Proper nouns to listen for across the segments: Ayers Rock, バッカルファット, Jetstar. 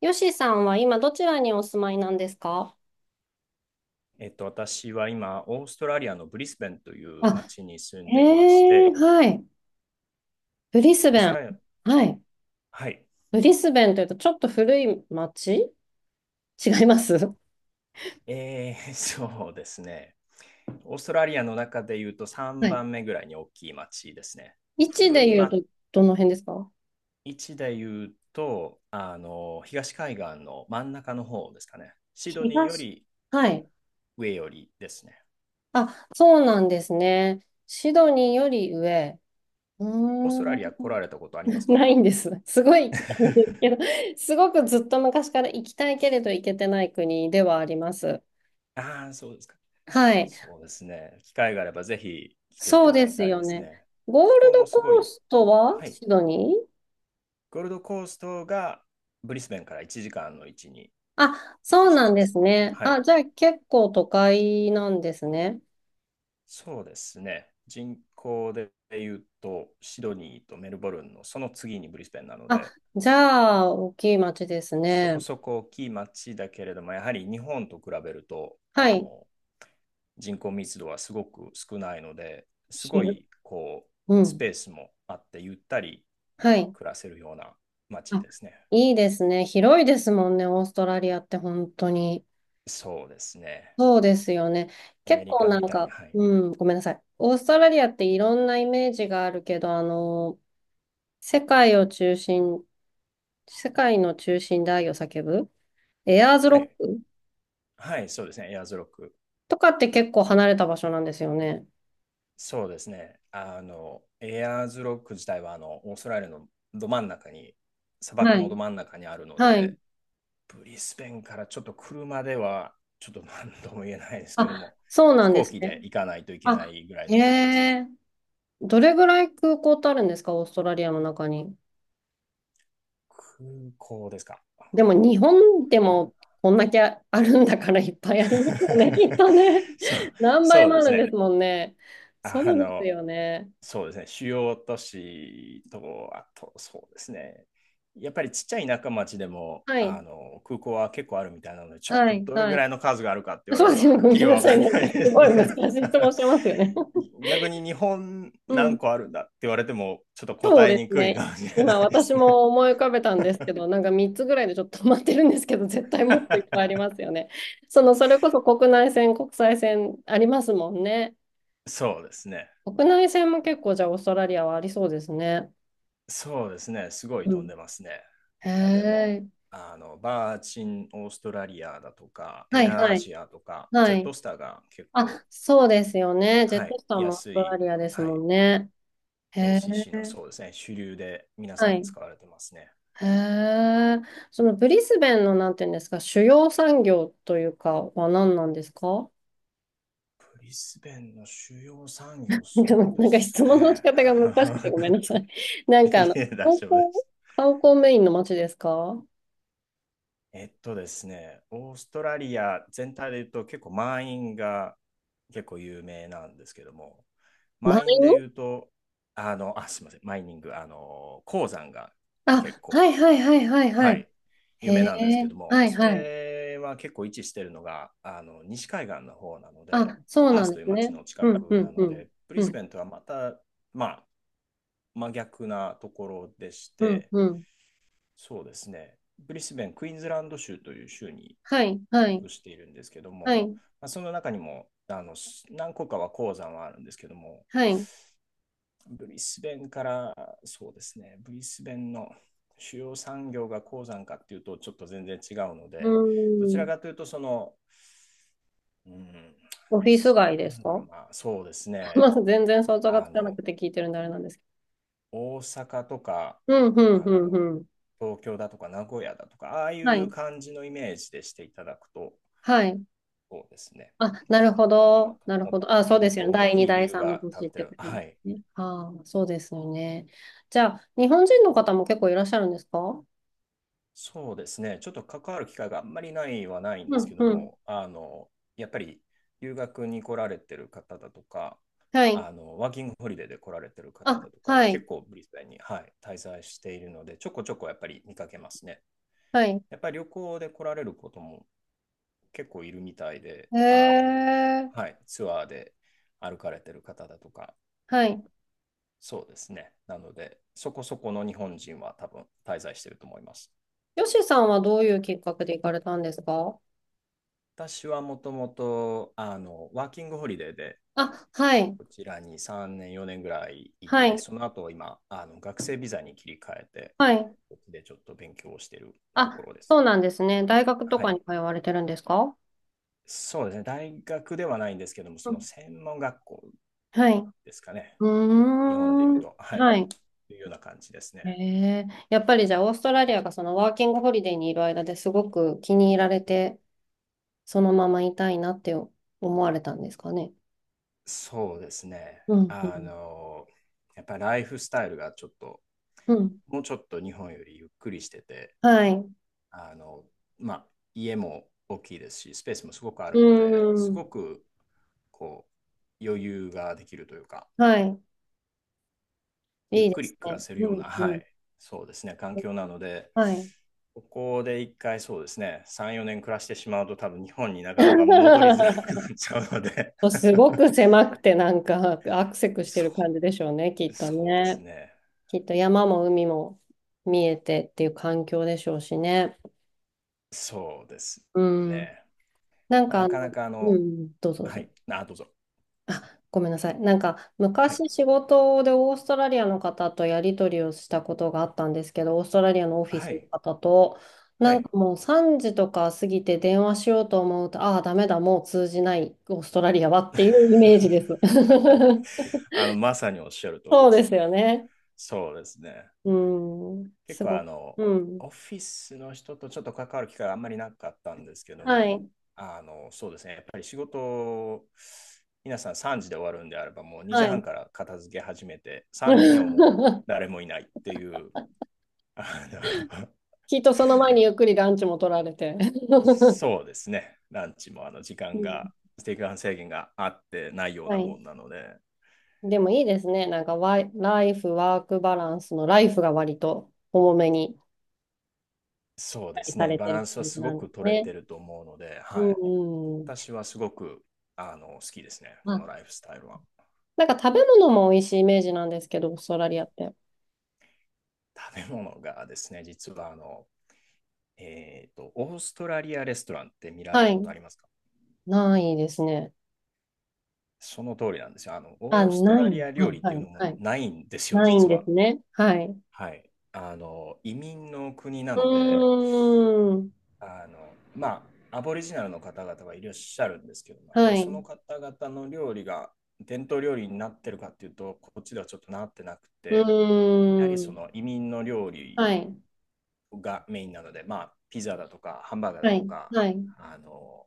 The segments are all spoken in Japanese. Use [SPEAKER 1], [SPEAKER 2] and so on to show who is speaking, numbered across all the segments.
[SPEAKER 1] よしさんは今どちらにお住まいなんですか？
[SPEAKER 2] 私は今、オーストラリアのブリスベンという
[SPEAKER 1] あ、
[SPEAKER 2] 町に住んでいまし
[SPEAKER 1] ええ、
[SPEAKER 2] て、
[SPEAKER 1] はい。ブリス
[SPEAKER 2] オー
[SPEAKER 1] ベ
[SPEAKER 2] スト
[SPEAKER 1] ン。
[SPEAKER 2] ラリア、
[SPEAKER 1] はい。
[SPEAKER 2] はい、
[SPEAKER 1] ブリスベンというとちょっと古い町違います
[SPEAKER 2] そうですね。オーストラリアの中で言うと3
[SPEAKER 1] はい。
[SPEAKER 2] 番目ぐらいに大きい町ですね。
[SPEAKER 1] 位置
[SPEAKER 2] 古
[SPEAKER 1] で
[SPEAKER 2] い
[SPEAKER 1] 言う
[SPEAKER 2] 町
[SPEAKER 1] とどの辺ですか？
[SPEAKER 2] で言うと、東海岸の真ん中の方ですかね。シドニーよ
[SPEAKER 1] 東。
[SPEAKER 2] り
[SPEAKER 1] はい。
[SPEAKER 2] 上よりですね。
[SPEAKER 1] あ、そうなんですね。シドニーより上。う
[SPEAKER 2] オース
[SPEAKER 1] ー
[SPEAKER 2] トラリア
[SPEAKER 1] ん。
[SPEAKER 2] 来られたことありま すか？
[SPEAKER 1] ないんです。すごい行きたいんです けど、すごくずっと昔から行きたいけれど行けてない国ではあります。
[SPEAKER 2] ああ、そうですか。
[SPEAKER 1] はい。
[SPEAKER 2] そうですね。機会があればぜひ来てい
[SPEAKER 1] そう
[SPEAKER 2] ただ
[SPEAKER 1] で
[SPEAKER 2] き
[SPEAKER 1] す
[SPEAKER 2] たい
[SPEAKER 1] よ
[SPEAKER 2] です
[SPEAKER 1] ね。
[SPEAKER 2] ね。
[SPEAKER 1] ゴ
[SPEAKER 2] 気
[SPEAKER 1] ール
[SPEAKER 2] 候
[SPEAKER 1] ド
[SPEAKER 2] もすご
[SPEAKER 1] コー
[SPEAKER 2] い。
[SPEAKER 1] ストは
[SPEAKER 2] は
[SPEAKER 1] シ
[SPEAKER 2] い。
[SPEAKER 1] ドニー
[SPEAKER 2] ゴールドコーストがブリスベンから1時間の位置に
[SPEAKER 1] あ、
[SPEAKER 2] 位
[SPEAKER 1] そ
[SPEAKER 2] 置
[SPEAKER 1] う
[SPEAKER 2] して
[SPEAKER 1] なん
[SPEAKER 2] ま
[SPEAKER 1] で
[SPEAKER 2] す。
[SPEAKER 1] すね。
[SPEAKER 2] は
[SPEAKER 1] あ、
[SPEAKER 2] い。
[SPEAKER 1] じゃあ結構都会なんですね。
[SPEAKER 2] そうですね。人口で言うと、シドニーとメルボルンのその次にブリスベンなの
[SPEAKER 1] あ、
[SPEAKER 2] で、
[SPEAKER 1] じゃあ大きい町です
[SPEAKER 2] そこ
[SPEAKER 1] ね。
[SPEAKER 2] そこ大きい町だけれども、やはり日本と比べると、
[SPEAKER 1] はい。
[SPEAKER 2] 人口密度はすごく少ないので、すご
[SPEAKER 1] 広、
[SPEAKER 2] いこ
[SPEAKER 1] う
[SPEAKER 2] う、スペ
[SPEAKER 1] ん。
[SPEAKER 2] ースもあって、ゆったり
[SPEAKER 1] はい。
[SPEAKER 2] 暮らせるような街
[SPEAKER 1] あ、
[SPEAKER 2] ですね。
[SPEAKER 1] いいですね。広いですもんね、オーストラリアって本当に。
[SPEAKER 2] そうですね。
[SPEAKER 1] そうですよね。
[SPEAKER 2] アメ
[SPEAKER 1] 結
[SPEAKER 2] リ
[SPEAKER 1] 構、
[SPEAKER 2] カみたいに、はい。
[SPEAKER 1] うん、ごめんなさい。オーストラリアっていろんなイメージがあるけど、世界を中心、世界の中心で愛を叫ぶエアーズ
[SPEAKER 2] は
[SPEAKER 1] ロッ
[SPEAKER 2] い。
[SPEAKER 1] ク
[SPEAKER 2] はい、そうですね。エアーズロック。
[SPEAKER 1] とかって結構離れた場所なんですよね。
[SPEAKER 2] そうですね。エアーズロック自体は、オーストラリアのど真ん中に、砂漠
[SPEAKER 1] は
[SPEAKER 2] の
[SPEAKER 1] い。
[SPEAKER 2] ど真ん中にあるの
[SPEAKER 1] はい。
[SPEAKER 2] で、ブリスベンからちょっと車では、ちょっと何とも言えないですけど
[SPEAKER 1] あ、
[SPEAKER 2] も、
[SPEAKER 1] そうな
[SPEAKER 2] 飛
[SPEAKER 1] んで
[SPEAKER 2] 行
[SPEAKER 1] す
[SPEAKER 2] 機で
[SPEAKER 1] ね。
[SPEAKER 2] 行かないといけな
[SPEAKER 1] あ、
[SPEAKER 2] いぐらい
[SPEAKER 1] へ
[SPEAKER 2] の距離です。
[SPEAKER 1] え。どれぐらい空港ってあるんですか、オーストラリアの中に。
[SPEAKER 2] 空港ですか。あ
[SPEAKER 1] でも日
[SPEAKER 2] 空港
[SPEAKER 1] 本で
[SPEAKER 2] だれら
[SPEAKER 1] もこんだけあるんだからいっぱいありますよね、きっ とね。
[SPEAKER 2] そう、
[SPEAKER 1] 何倍
[SPEAKER 2] そう
[SPEAKER 1] も
[SPEAKER 2] で
[SPEAKER 1] あ
[SPEAKER 2] す
[SPEAKER 1] るんです
[SPEAKER 2] ね。
[SPEAKER 1] もんね。そ
[SPEAKER 2] あ
[SPEAKER 1] うです
[SPEAKER 2] の、
[SPEAKER 1] よね。
[SPEAKER 2] そうですね、主要都市と、あと、そうですね。やっぱりちっちゃい田舎町でも
[SPEAKER 1] はい。
[SPEAKER 2] あの空港は結構あるみたいなので、ちょっ
[SPEAKER 1] は
[SPEAKER 2] と
[SPEAKER 1] い。
[SPEAKER 2] どれ
[SPEAKER 1] は
[SPEAKER 2] ぐら
[SPEAKER 1] い。
[SPEAKER 2] いの数があるかって言われ
[SPEAKER 1] そう
[SPEAKER 2] る
[SPEAKER 1] で
[SPEAKER 2] と、
[SPEAKER 1] すね。
[SPEAKER 2] はっ
[SPEAKER 1] ご
[SPEAKER 2] き
[SPEAKER 1] め
[SPEAKER 2] り
[SPEAKER 1] んな
[SPEAKER 2] は分
[SPEAKER 1] さい。
[SPEAKER 2] かんな
[SPEAKER 1] なんか
[SPEAKER 2] いで
[SPEAKER 1] す
[SPEAKER 2] す
[SPEAKER 1] ごい
[SPEAKER 2] ね。
[SPEAKER 1] 難しい質問し てますよね。
[SPEAKER 2] 逆に日本
[SPEAKER 1] う
[SPEAKER 2] 何
[SPEAKER 1] ん。
[SPEAKER 2] 個あるんだって言われても、ちょっと
[SPEAKER 1] そう
[SPEAKER 2] 答え
[SPEAKER 1] で
[SPEAKER 2] に
[SPEAKER 1] す
[SPEAKER 2] くい
[SPEAKER 1] ね。
[SPEAKER 2] かもしれな
[SPEAKER 1] 今
[SPEAKER 2] いで
[SPEAKER 1] 私
[SPEAKER 2] すね。
[SPEAKER 1] も思い浮かべたんですけど、なんか3つぐらいでちょっと止まってるんですけど、絶対もっといっぱいあ りますよね。その、それこそ国内線、国際線ありますもんね。
[SPEAKER 2] そうですね。
[SPEAKER 1] 国内線も結構じゃあオーストラリアはありそうですね。
[SPEAKER 2] そうですね。すごい
[SPEAKER 1] う
[SPEAKER 2] 飛ん
[SPEAKER 1] ん。
[SPEAKER 2] でますね。
[SPEAKER 1] へ
[SPEAKER 2] 中でも、
[SPEAKER 1] え。
[SPEAKER 2] バーチンオーストラリアだとか、
[SPEAKER 1] は
[SPEAKER 2] エ
[SPEAKER 1] い
[SPEAKER 2] ア
[SPEAKER 1] は
[SPEAKER 2] ア
[SPEAKER 1] い。
[SPEAKER 2] ジアとか、ジ
[SPEAKER 1] は
[SPEAKER 2] ェット
[SPEAKER 1] い。
[SPEAKER 2] スターが結
[SPEAKER 1] あ、
[SPEAKER 2] 構
[SPEAKER 1] そうですよね。ジェ
[SPEAKER 2] は
[SPEAKER 1] ット
[SPEAKER 2] い、
[SPEAKER 1] スターもオース
[SPEAKER 2] 安
[SPEAKER 1] トラ
[SPEAKER 2] い、
[SPEAKER 1] リアです
[SPEAKER 2] は
[SPEAKER 1] も
[SPEAKER 2] い、
[SPEAKER 1] んね。へえ。
[SPEAKER 2] LCC のそうですね、主流で皆さ
[SPEAKER 1] は
[SPEAKER 2] ん
[SPEAKER 1] い。
[SPEAKER 2] 使われてますね。
[SPEAKER 1] へえ。そのブリスベンのなんていうんですか、主要産業というかは何なんですか？
[SPEAKER 2] ブリスベンの主要産 業、
[SPEAKER 1] なんか、な
[SPEAKER 2] そうで
[SPEAKER 1] んか
[SPEAKER 2] す
[SPEAKER 1] 質問の仕
[SPEAKER 2] ね。
[SPEAKER 1] 方が難しくてごめんなさい。なん か
[SPEAKER 2] いえ、大
[SPEAKER 1] 観光、
[SPEAKER 2] 丈夫です。
[SPEAKER 1] 観光メインの街ですか？
[SPEAKER 2] えっとですね、オーストラリア全体で言うと結構満員が結構有名なんですけども、
[SPEAKER 1] 満
[SPEAKER 2] 満員
[SPEAKER 1] 員
[SPEAKER 2] で言うと、すみません、マイニング、鉱山が結
[SPEAKER 1] あ、は
[SPEAKER 2] 構
[SPEAKER 1] いはいはいはいは
[SPEAKER 2] は
[SPEAKER 1] い。
[SPEAKER 2] い、
[SPEAKER 1] へ
[SPEAKER 2] 夢なんですけ
[SPEAKER 1] え、
[SPEAKER 2] ども、
[SPEAKER 1] はい
[SPEAKER 2] そ
[SPEAKER 1] はい。
[SPEAKER 2] れは結構位置してるのが、西海岸の方なので、
[SPEAKER 1] あ、そう
[SPEAKER 2] パー
[SPEAKER 1] なん
[SPEAKER 2] スと
[SPEAKER 1] で
[SPEAKER 2] いう
[SPEAKER 1] す
[SPEAKER 2] 町
[SPEAKER 1] ね。
[SPEAKER 2] の近
[SPEAKER 1] うんう
[SPEAKER 2] くな
[SPEAKER 1] んう
[SPEAKER 2] の
[SPEAKER 1] ん。
[SPEAKER 2] で、ブリ
[SPEAKER 1] う
[SPEAKER 2] ス
[SPEAKER 1] ん
[SPEAKER 2] ベンとはまた、まあ、真逆なところでし
[SPEAKER 1] うん
[SPEAKER 2] て、
[SPEAKER 1] うん。
[SPEAKER 2] そうですね、ブリスベン、クイーンズランド州という州に
[SPEAKER 1] はいはい
[SPEAKER 2] 属しているんですけど
[SPEAKER 1] は
[SPEAKER 2] も、
[SPEAKER 1] い
[SPEAKER 2] まあ、その中にもあの何個かは鉱山はあるんですけども、
[SPEAKER 1] はい。う
[SPEAKER 2] ブリスベンからそうですね、ブリスベンの主要産業が鉱山かっていうとちょっと全然違うの
[SPEAKER 1] ー
[SPEAKER 2] で、どちら
[SPEAKER 1] ん。
[SPEAKER 2] かというとその、うん、
[SPEAKER 1] オフィス街
[SPEAKER 2] な
[SPEAKER 1] です
[SPEAKER 2] んだろ
[SPEAKER 1] か？
[SPEAKER 2] うな、そうです
[SPEAKER 1] ま
[SPEAKER 2] ね、
[SPEAKER 1] あ全然想像が
[SPEAKER 2] あ
[SPEAKER 1] つかな
[SPEAKER 2] の、
[SPEAKER 1] くて聞いてるんであれなんですけ
[SPEAKER 2] 大阪とか、
[SPEAKER 1] ど。うんうん
[SPEAKER 2] あ
[SPEAKER 1] う
[SPEAKER 2] の、
[SPEAKER 1] んうん。
[SPEAKER 2] 東京だとか名古屋だとか、ああい
[SPEAKER 1] は
[SPEAKER 2] う
[SPEAKER 1] い
[SPEAKER 2] 感じのイメージでしていただくと、
[SPEAKER 1] はい
[SPEAKER 2] そうですね、
[SPEAKER 1] あ、なるほ
[SPEAKER 2] いいのかなと。
[SPEAKER 1] ど。なるほ
[SPEAKER 2] も、
[SPEAKER 1] ど。あ、そう
[SPEAKER 2] も
[SPEAKER 1] で
[SPEAKER 2] っ
[SPEAKER 1] す
[SPEAKER 2] と
[SPEAKER 1] よね。
[SPEAKER 2] 大
[SPEAKER 1] 第2、
[SPEAKER 2] きいビ
[SPEAKER 1] 第
[SPEAKER 2] ル
[SPEAKER 1] 3の
[SPEAKER 2] が建
[SPEAKER 1] 年っ
[SPEAKER 2] って
[SPEAKER 1] てこ
[SPEAKER 2] る、
[SPEAKER 1] とで
[SPEAKER 2] はい、
[SPEAKER 1] すね。ああ、そうですよね。じゃあ、日本人の方も結構いらっしゃるんですか？
[SPEAKER 2] そうですね。ちょっと関わる機会があんまりないはないん
[SPEAKER 1] う
[SPEAKER 2] です
[SPEAKER 1] ん、
[SPEAKER 2] けど
[SPEAKER 1] うん。
[SPEAKER 2] も、やっぱり留学に来られてる方だとか、
[SPEAKER 1] はい。
[SPEAKER 2] ワーキングホリデーで来られてる方
[SPEAKER 1] あ、
[SPEAKER 2] だとか
[SPEAKER 1] は
[SPEAKER 2] は
[SPEAKER 1] い。
[SPEAKER 2] 結構ブリスベンに、はい、滞在しているので、ちょこちょこやっぱり見かけますね。
[SPEAKER 1] はい。
[SPEAKER 2] やっぱり旅行で来られることも結構いるみたいで、
[SPEAKER 1] へえ。
[SPEAKER 2] はい、ツアーで歩かれてる方だとか、
[SPEAKER 1] はい。
[SPEAKER 2] そうですね。なので、そこそこの日本人は多分滞在してると思います。
[SPEAKER 1] よしさんはどういうきっかけで行かれたんですか？
[SPEAKER 2] 私はもともと、ワーキングホリデーで、
[SPEAKER 1] あ、はい。
[SPEAKER 2] こちらに3年、4年ぐらいい
[SPEAKER 1] は
[SPEAKER 2] て、
[SPEAKER 1] い。
[SPEAKER 2] その後今、学生ビザに切り替えて、
[SPEAKER 1] はい。
[SPEAKER 2] こっちでちょっと勉強をしていると
[SPEAKER 1] あ、
[SPEAKER 2] ころです。
[SPEAKER 1] そうなんですね。大学と
[SPEAKER 2] は
[SPEAKER 1] かに
[SPEAKER 2] い。
[SPEAKER 1] 通われてるんですか？
[SPEAKER 2] そうですね。大学ではないんですけども、
[SPEAKER 1] う
[SPEAKER 2] その
[SPEAKER 1] ん。
[SPEAKER 2] 専門学校
[SPEAKER 1] はい。
[SPEAKER 2] ですかね。
[SPEAKER 1] う
[SPEAKER 2] こ日本で言う
[SPEAKER 1] ーん。
[SPEAKER 2] と、はい。
[SPEAKER 1] はい。
[SPEAKER 2] というような感じですね。
[SPEAKER 1] へえ、やっぱりじゃあオーストラリアがそのワーキングホリデーにいる間ですごく気に入られて、そのままいたいなって思われたんですかね。
[SPEAKER 2] そうですね。
[SPEAKER 1] うん、う
[SPEAKER 2] あ
[SPEAKER 1] ん、
[SPEAKER 2] の、やっぱりライフスタイルがちょっと、
[SPEAKER 1] うん。
[SPEAKER 2] もうちょっと日本よりゆっくりしてて、
[SPEAKER 1] はい。
[SPEAKER 2] あの、まあ、家も大きいですし、スペースもすごくあ
[SPEAKER 1] う
[SPEAKER 2] るので、す
[SPEAKER 1] ん。
[SPEAKER 2] ごく、こう、余裕ができるというか、
[SPEAKER 1] はい。
[SPEAKER 2] ゆ
[SPEAKER 1] い
[SPEAKER 2] っ
[SPEAKER 1] いで
[SPEAKER 2] くり
[SPEAKER 1] す
[SPEAKER 2] 暮ら
[SPEAKER 1] ね。
[SPEAKER 2] せる
[SPEAKER 1] う
[SPEAKER 2] ような、
[SPEAKER 1] ん、う
[SPEAKER 2] は
[SPEAKER 1] ん。
[SPEAKER 2] い、そうですね、環境なので、
[SPEAKER 1] はい。
[SPEAKER 2] ここで一回そうですね、3、4年暮らしてしまうと多分日本になかなか戻りづらくな っちゃうので
[SPEAKER 1] すごく狭くてなんかアクセク して
[SPEAKER 2] そ
[SPEAKER 1] る感じでしょうね、きっと
[SPEAKER 2] そうです
[SPEAKER 1] ね。
[SPEAKER 2] ね、
[SPEAKER 1] きっと山も海も見えてっていう環境でしょうしね。
[SPEAKER 2] そうです
[SPEAKER 1] うん。
[SPEAKER 2] ね。
[SPEAKER 1] なん
[SPEAKER 2] まあ、
[SPEAKER 1] か
[SPEAKER 2] なかなかあ
[SPEAKER 1] う
[SPEAKER 2] の、
[SPEAKER 1] ん、どうぞどう
[SPEAKER 2] は
[SPEAKER 1] ぞ。
[SPEAKER 2] い、あ、どうぞ。
[SPEAKER 1] ごめんなさい。なんか
[SPEAKER 2] はい、
[SPEAKER 1] 昔仕事でオーストラリアの方とやり取りをしたことがあったんですけど、オーストラリアのオフィス
[SPEAKER 2] は
[SPEAKER 1] の
[SPEAKER 2] い、
[SPEAKER 1] 方と、
[SPEAKER 2] は
[SPEAKER 1] なんか
[SPEAKER 2] い。
[SPEAKER 1] もう3時とか過ぎて電話しようと思うと、ああ、ダメだ、もう通じない、オーストラリアはっていうイメージです。
[SPEAKER 2] まさにおっしゃる通り
[SPEAKER 1] そ
[SPEAKER 2] で
[SPEAKER 1] うで
[SPEAKER 2] す。
[SPEAKER 1] すよね。
[SPEAKER 2] そうですね。
[SPEAKER 1] うん、
[SPEAKER 2] 結
[SPEAKER 1] す
[SPEAKER 2] 構
[SPEAKER 1] ご
[SPEAKER 2] あ
[SPEAKER 1] く。
[SPEAKER 2] の、
[SPEAKER 1] うん。
[SPEAKER 2] オフィスの人とちょっと関わる機会があんまりなかったんですけど
[SPEAKER 1] は
[SPEAKER 2] も、
[SPEAKER 1] い、
[SPEAKER 2] そうですね。やっぱり仕事、皆さん3時で終わるんであれば、もう
[SPEAKER 1] は
[SPEAKER 2] 2時半
[SPEAKER 1] い。
[SPEAKER 2] から片付け始めて、3時にはもう 誰もいないっていう、あの
[SPEAKER 1] きっとその前にゆっくりランチも取られて。
[SPEAKER 2] そうですね。ランチもあの時
[SPEAKER 1] う
[SPEAKER 2] 間
[SPEAKER 1] ん、
[SPEAKER 2] が、時間制限があってないよう
[SPEAKER 1] は
[SPEAKER 2] な
[SPEAKER 1] い。
[SPEAKER 2] もんなので、
[SPEAKER 1] でもいいですね。なんかワイ、ライフ、ワークバランスのライフが割と重めに
[SPEAKER 2] そうです
[SPEAKER 1] さ
[SPEAKER 2] ね。
[SPEAKER 1] れ
[SPEAKER 2] バ
[SPEAKER 1] て
[SPEAKER 2] ラ
[SPEAKER 1] る
[SPEAKER 2] ンスは
[SPEAKER 1] 感じ
[SPEAKER 2] すご
[SPEAKER 1] なんで
[SPEAKER 2] く
[SPEAKER 1] す
[SPEAKER 2] 取れ
[SPEAKER 1] ね。
[SPEAKER 2] てると思うので、
[SPEAKER 1] う
[SPEAKER 2] はい。
[SPEAKER 1] んうん。
[SPEAKER 2] 私はすごくあの好きですね、
[SPEAKER 1] ま
[SPEAKER 2] こ
[SPEAKER 1] あ、
[SPEAKER 2] のライフスタイルは。
[SPEAKER 1] なんか食べ物も美味しいイメージなんですけど、オーストラリアって。
[SPEAKER 2] 食べ物がですね、実はあの、オーストラリアレストランって見られ
[SPEAKER 1] は
[SPEAKER 2] たこ
[SPEAKER 1] い。
[SPEAKER 2] とありますか？
[SPEAKER 1] ないですね。
[SPEAKER 2] その通りなんですよ。
[SPEAKER 1] あ、
[SPEAKER 2] オースト
[SPEAKER 1] ない。
[SPEAKER 2] ラリア
[SPEAKER 1] は
[SPEAKER 2] 料
[SPEAKER 1] い、
[SPEAKER 2] 理っ
[SPEAKER 1] は
[SPEAKER 2] ていう
[SPEAKER 1] い、
[SPEAKER 2] のも
[SPEAKER 1] はい。
[SPEAKER 2] ないんですよ、
[SPEAKER 1] ないん
[SPEAKER 2] 実
[SPEAKER 1] で
[SPEAKER 2] は。
[SPEAKER 1] すね。はい。う
[SPEAKER 2] はい。移民の国な
[SPEAKER 1] ー
[SPEAKER 2] ので、
[SPEAKER 1] ん。
[SPEAKER 2] あの、まアボリジナルの方々がいらっしゃるんですけども、やっぱ
[SPEAKER 1] は
[SPEAKER 2] り
[SPEAKER 1] い。
[SPEAKER 2] その
[SPEAKER 1] う
[SPEAKER 2] 方々の料理が伝統料理になってるかっていうと、こっちではちょっとなってなく
[SPEAKER 1] ー
[SPEAKER 2] て、やはりそ
[SPEAKER 1] ん。
[SPEAKER 2] の移民の料理
[SPEAKER 1] はい。
[SPEAKER 2] がメインなので、まあ、ピザだとか、ハンバーガーだ
[SPEAKER 1] は
[SPEAKER 2] と
[SPEAKER 1] い。
[SPEAKER 2] か、
[SPEAKER 1] はい。
[SPEAKER 2] あの、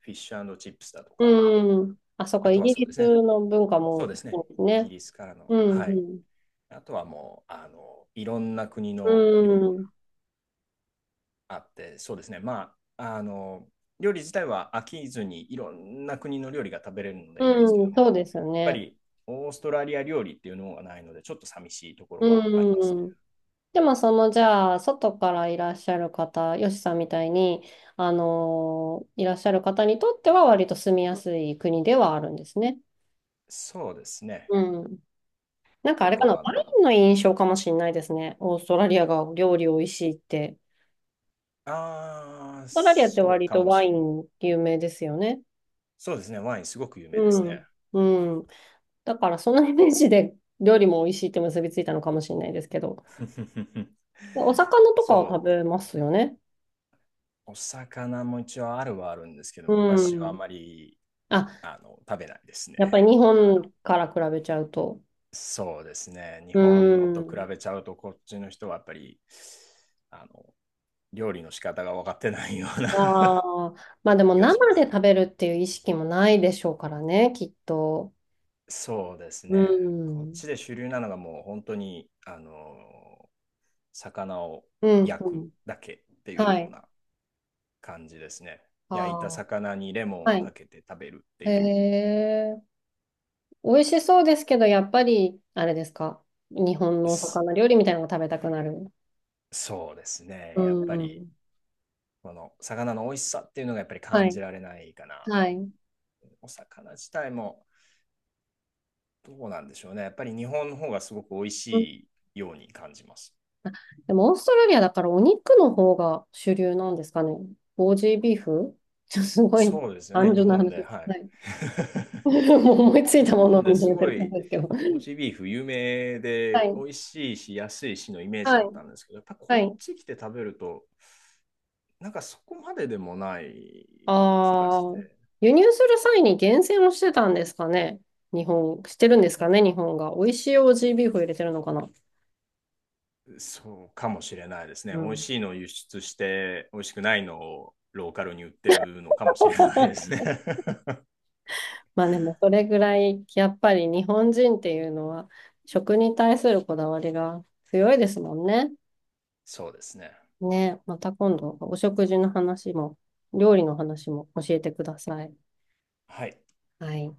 [SPEAKER 2] フィッシュチップスだとか、
[SPEAKER 1] うーん。あ、そっか、
[SPEAKER 2] あと
[SPEAKER 1] イ
[SPEAKER 2] は
[SPEAKER 1] ギ
[SPEAKER 2] そうで
[SPEAKER 1] リ
[SPEAKER 2] すね、
[SPEAKER 1] スの文化
[SPEAKER 2] そう
[SPEAKER 1] も
[SPEAKER 2] ですね、
[SPEAKER 1] 多いです
[SPEAKER 2] イギ
[SPEAKER 1] ね。
[SPEAKER 2] リスからの、
[SPEAKER 1] うん、
[SPEAKER 2] は
[SPEAKER 1] う
[SPEAKER 2] い。
[SPEAKER 1] ん。
[SPEAKER 2] あとはもう、いろんな国
[SPEAKER 1] う
[SPEAKER 2] の料理
[SPEAKER 1] ーん。
[SPEAKER 2] あって、そうですね。料理自体は飽きずにいろんな国の料理が食べれるのでいいんですけ
[SPEAKER 1] う
[SPEAKER 2] ど
[SPEAKER 1] ん、
[SPEAKER 2] も、
[SPEAKER 1] そ
[SPEAKER 2] や
[SPEAKER 1] う
[SPEAKER 2] っ
[SPEAKER 1] ですよ
[SPEAKER 2] ぱ
[SPEAKER 1] ね。
[SPEAKER 2] りオーストラリア料理っていうのがないので、ちょっと寂しいところはあります
[SPEAKER 1] う
[SPEAKER 2] ね。
[SPEAKER 1] ん。でも、その、じゃあ、外からいらっしゃる方、よしさんみたいに、あのーいらっしゃる方にとっては、割と住みやすい国ではあるんですね。
[SPEAKER 2] そうですね。
[SPEAKER 1] うん。なんかあ
[SPEAKER 2] 結
[SPEAKER 1] れかな、
[SPEAKER 2] 構
[SPEAKER 1] ワ
[SPEAKER 2] あの、
[SPEAKER 1] インの印象かもしれないですね。オーストラリアが料理美味しいって。
[SPEAKER 2] あー、
[SPEAKER 1] オーストラリアって
[SPEAKER 2] そう
[SPEAKER 1] 割
[SPEAKER 2] か
[SPEAKER 1] と
[SPEAKER 2] も
[SPEAKER 1] ワ
[SPEAKER 2] しれ
[SPEAKER 1] イ
[SPEAKER 2] ない
[SPEAKER 1] ン有名ですよね。
[SPEAKER 2] そうですね。ワインすごく有名で
[SPEAKER 1] う
[SPEAKER 2] すね。
[SPEAKER 1] ん。うん。だから、そのイメージで料理も美味しいって結びついたのかもしれないですけど。お魚とかを
[SPEAKER 2] そう、
[SPEAKER 1] 食べますよね。
[SPEAKER 2] お魚も一応あるはあるんですけども、
[SPEAKER 1] う
[SPEAKER 2] 私はあ
[SPEAKER 1] ん。
[SPEAKER 2] まり、
[SPEAKER 1] あ、
[SPEAKER 2] 食べないです
[SPEAKER 1] や
[SPEAKER 2] ね。
[SPEAKER 1] っぱり日本から比べちゃうと。
[SPEAKER 2] そうですね。日
[SPEAKER 1] う
[SPEAKER 2] 本の
[SPEAKER 1] ー
[SPEAKER 2] と比
[SPEAKER 1] ん。
[SPEAKER 2] べちゃうと、こっちの人はやっぱり、あの、料理の仕方が分かってないような
[SPEAKER 1] ああ、まあでも
[SPEAKER 2] 気がしま
[SPEAKER 1] 生で
[SPEAKER 2] す。
[SPEAKER 1] 食べるっていう意識もないでしょうからね、きっと。
[SPEAKER 2] そうです
[SPEAKER 1] う
[SPEAKER 2] ね。こっ
[SPEAKER 1] ん。
[SPEAKER 2] ちで主流なのがもう本当に、魚を
[SPEAKER 1] うん、
[SPEAKER 2] 焼
[SPEAKER 1] う
[SPEAKER 2] く
[SPEAKER 1] ん。
[SPEAKER 2] だけっていう
[SPEAKER 1] は
[SPEAKER 2] よう
[SPEAKER 1] い。
[SPEAKER 2] な感じですね。
[SPEAKER 1] あ
[SPEAKER 2] 焼いた
[SPEAKER 1] あ、
[SPEAKER 2] 魚にレモン
[SPEAKER 1] は
[SPEAKER 2] をか
[SPEAKER 1] い。
[SPEAKER 2] けて食べるって
[SPEAKER 1] へ
[SPEAKER 2] いう。
[SPEAKER 1] え。美味しそうですけど、やっぱり、あれですか。日本のお
[SPEAKER 2] す
[SPEAKER 1] 魚料理みたいなのが食べたくなる。
[SPEAKER 2] そうです
[SPEAKER 1] う
[SPEAKER 2] ね。やっぱり、
[SPEAKER 1] ん。
[SPEAKER 2] この魚の美味しさっていうのがやっぱり
[SPEAKER 1] は
[SPEAKER 2] 感じ
[SPEAKER 1] い。
[SPEAKER 2] られないかな
[SPEAKER 1] は
[SPEAKER 2] と。
[SPEAKER 1] い。
[SPEAKER 2] お魚自体も、どうなんでしょうね。やっぱり日本の方がすごく美味しいように感じます。
[SPEAKER 1] でも、オーストラリアだからお肉の方が主流なんですかね。ボージービーフちょっと すごい
[SPEAKER 2] そうですよね、
[SPEAKER 1] 単
[SPEAKER 2] 日
[SPEAKER 1] 純な
[SPEAKER 2] 本
[SPEAKER 1] 話
[SPEAKER 2] で。
[SPEAKER 1] です。
[SPEAKER 2] は
[SPEAKER 1] は
[SPEAKER 2] い。
[SPEAKER 1] い。もう思いつい
[SPEAKER 2] 日
[SPEAKER 1] たものを
[SPEAKER 2] 本
[SPEAKER 1] み
[SPEAKER 2] で
[SPEAKER 1] んな
[SPEAKER 2] す
[SPEAKER 1] 言って
[SPEAKER 2] ご
[SPEAKER 1] る感じ
[SPEAKER 2] い、
[SPEAKER 1] ですけど。
[SPEAKER 2] オージービーフ有名
[SPEAKER 1] は
[SPEAKER 2] で美
[SPEAKER 1] い。
[SPEAKER 2] 味しいし安いしのイメージだ
[SPEAKER 1] は
[SPEAKER 2] った
[SPEAKER 1] い。
[SPEAKER 2] んですけど、やっぱ
[SPEAKER 1] は
[SPEAKER 2] こっ
[SPEAKER 1] い。
[SPEAKER 2] ち来て食べると、なんかそこまででもない気が
[SPEAKER 1] あ
[SPEAKER 2] し
[SPEAKER 1] あ、
[SPEAKER 2] て、
[SPEAKER 1] 輸入する際に厳選をしてたんですかね。日本、してるんですかね、日本が。美味しいオージービーフを入れてるのかな。
[SPEAKER 2] そうかもしれないですね。
[SPEAKER 1] う
[SPEAKER 2] 美味
[SPEAKER 1] ん。
[SPEAKER 2] しいのを輸出して、美味しくないのをローカルに売ってるのかもしれないです ね。
[SPEAKER 1] まあでも、それぐらい、やっぱり日本人っていうのは、食に対するこだわりが強いですもんね。
[SPEAKER 2] そうですね。
[SPEAKER 1] ね、また今度お食事の話も、料理の話も教えてください。
[SPEAKER 2] はい。
[SPEAKER 1] はい。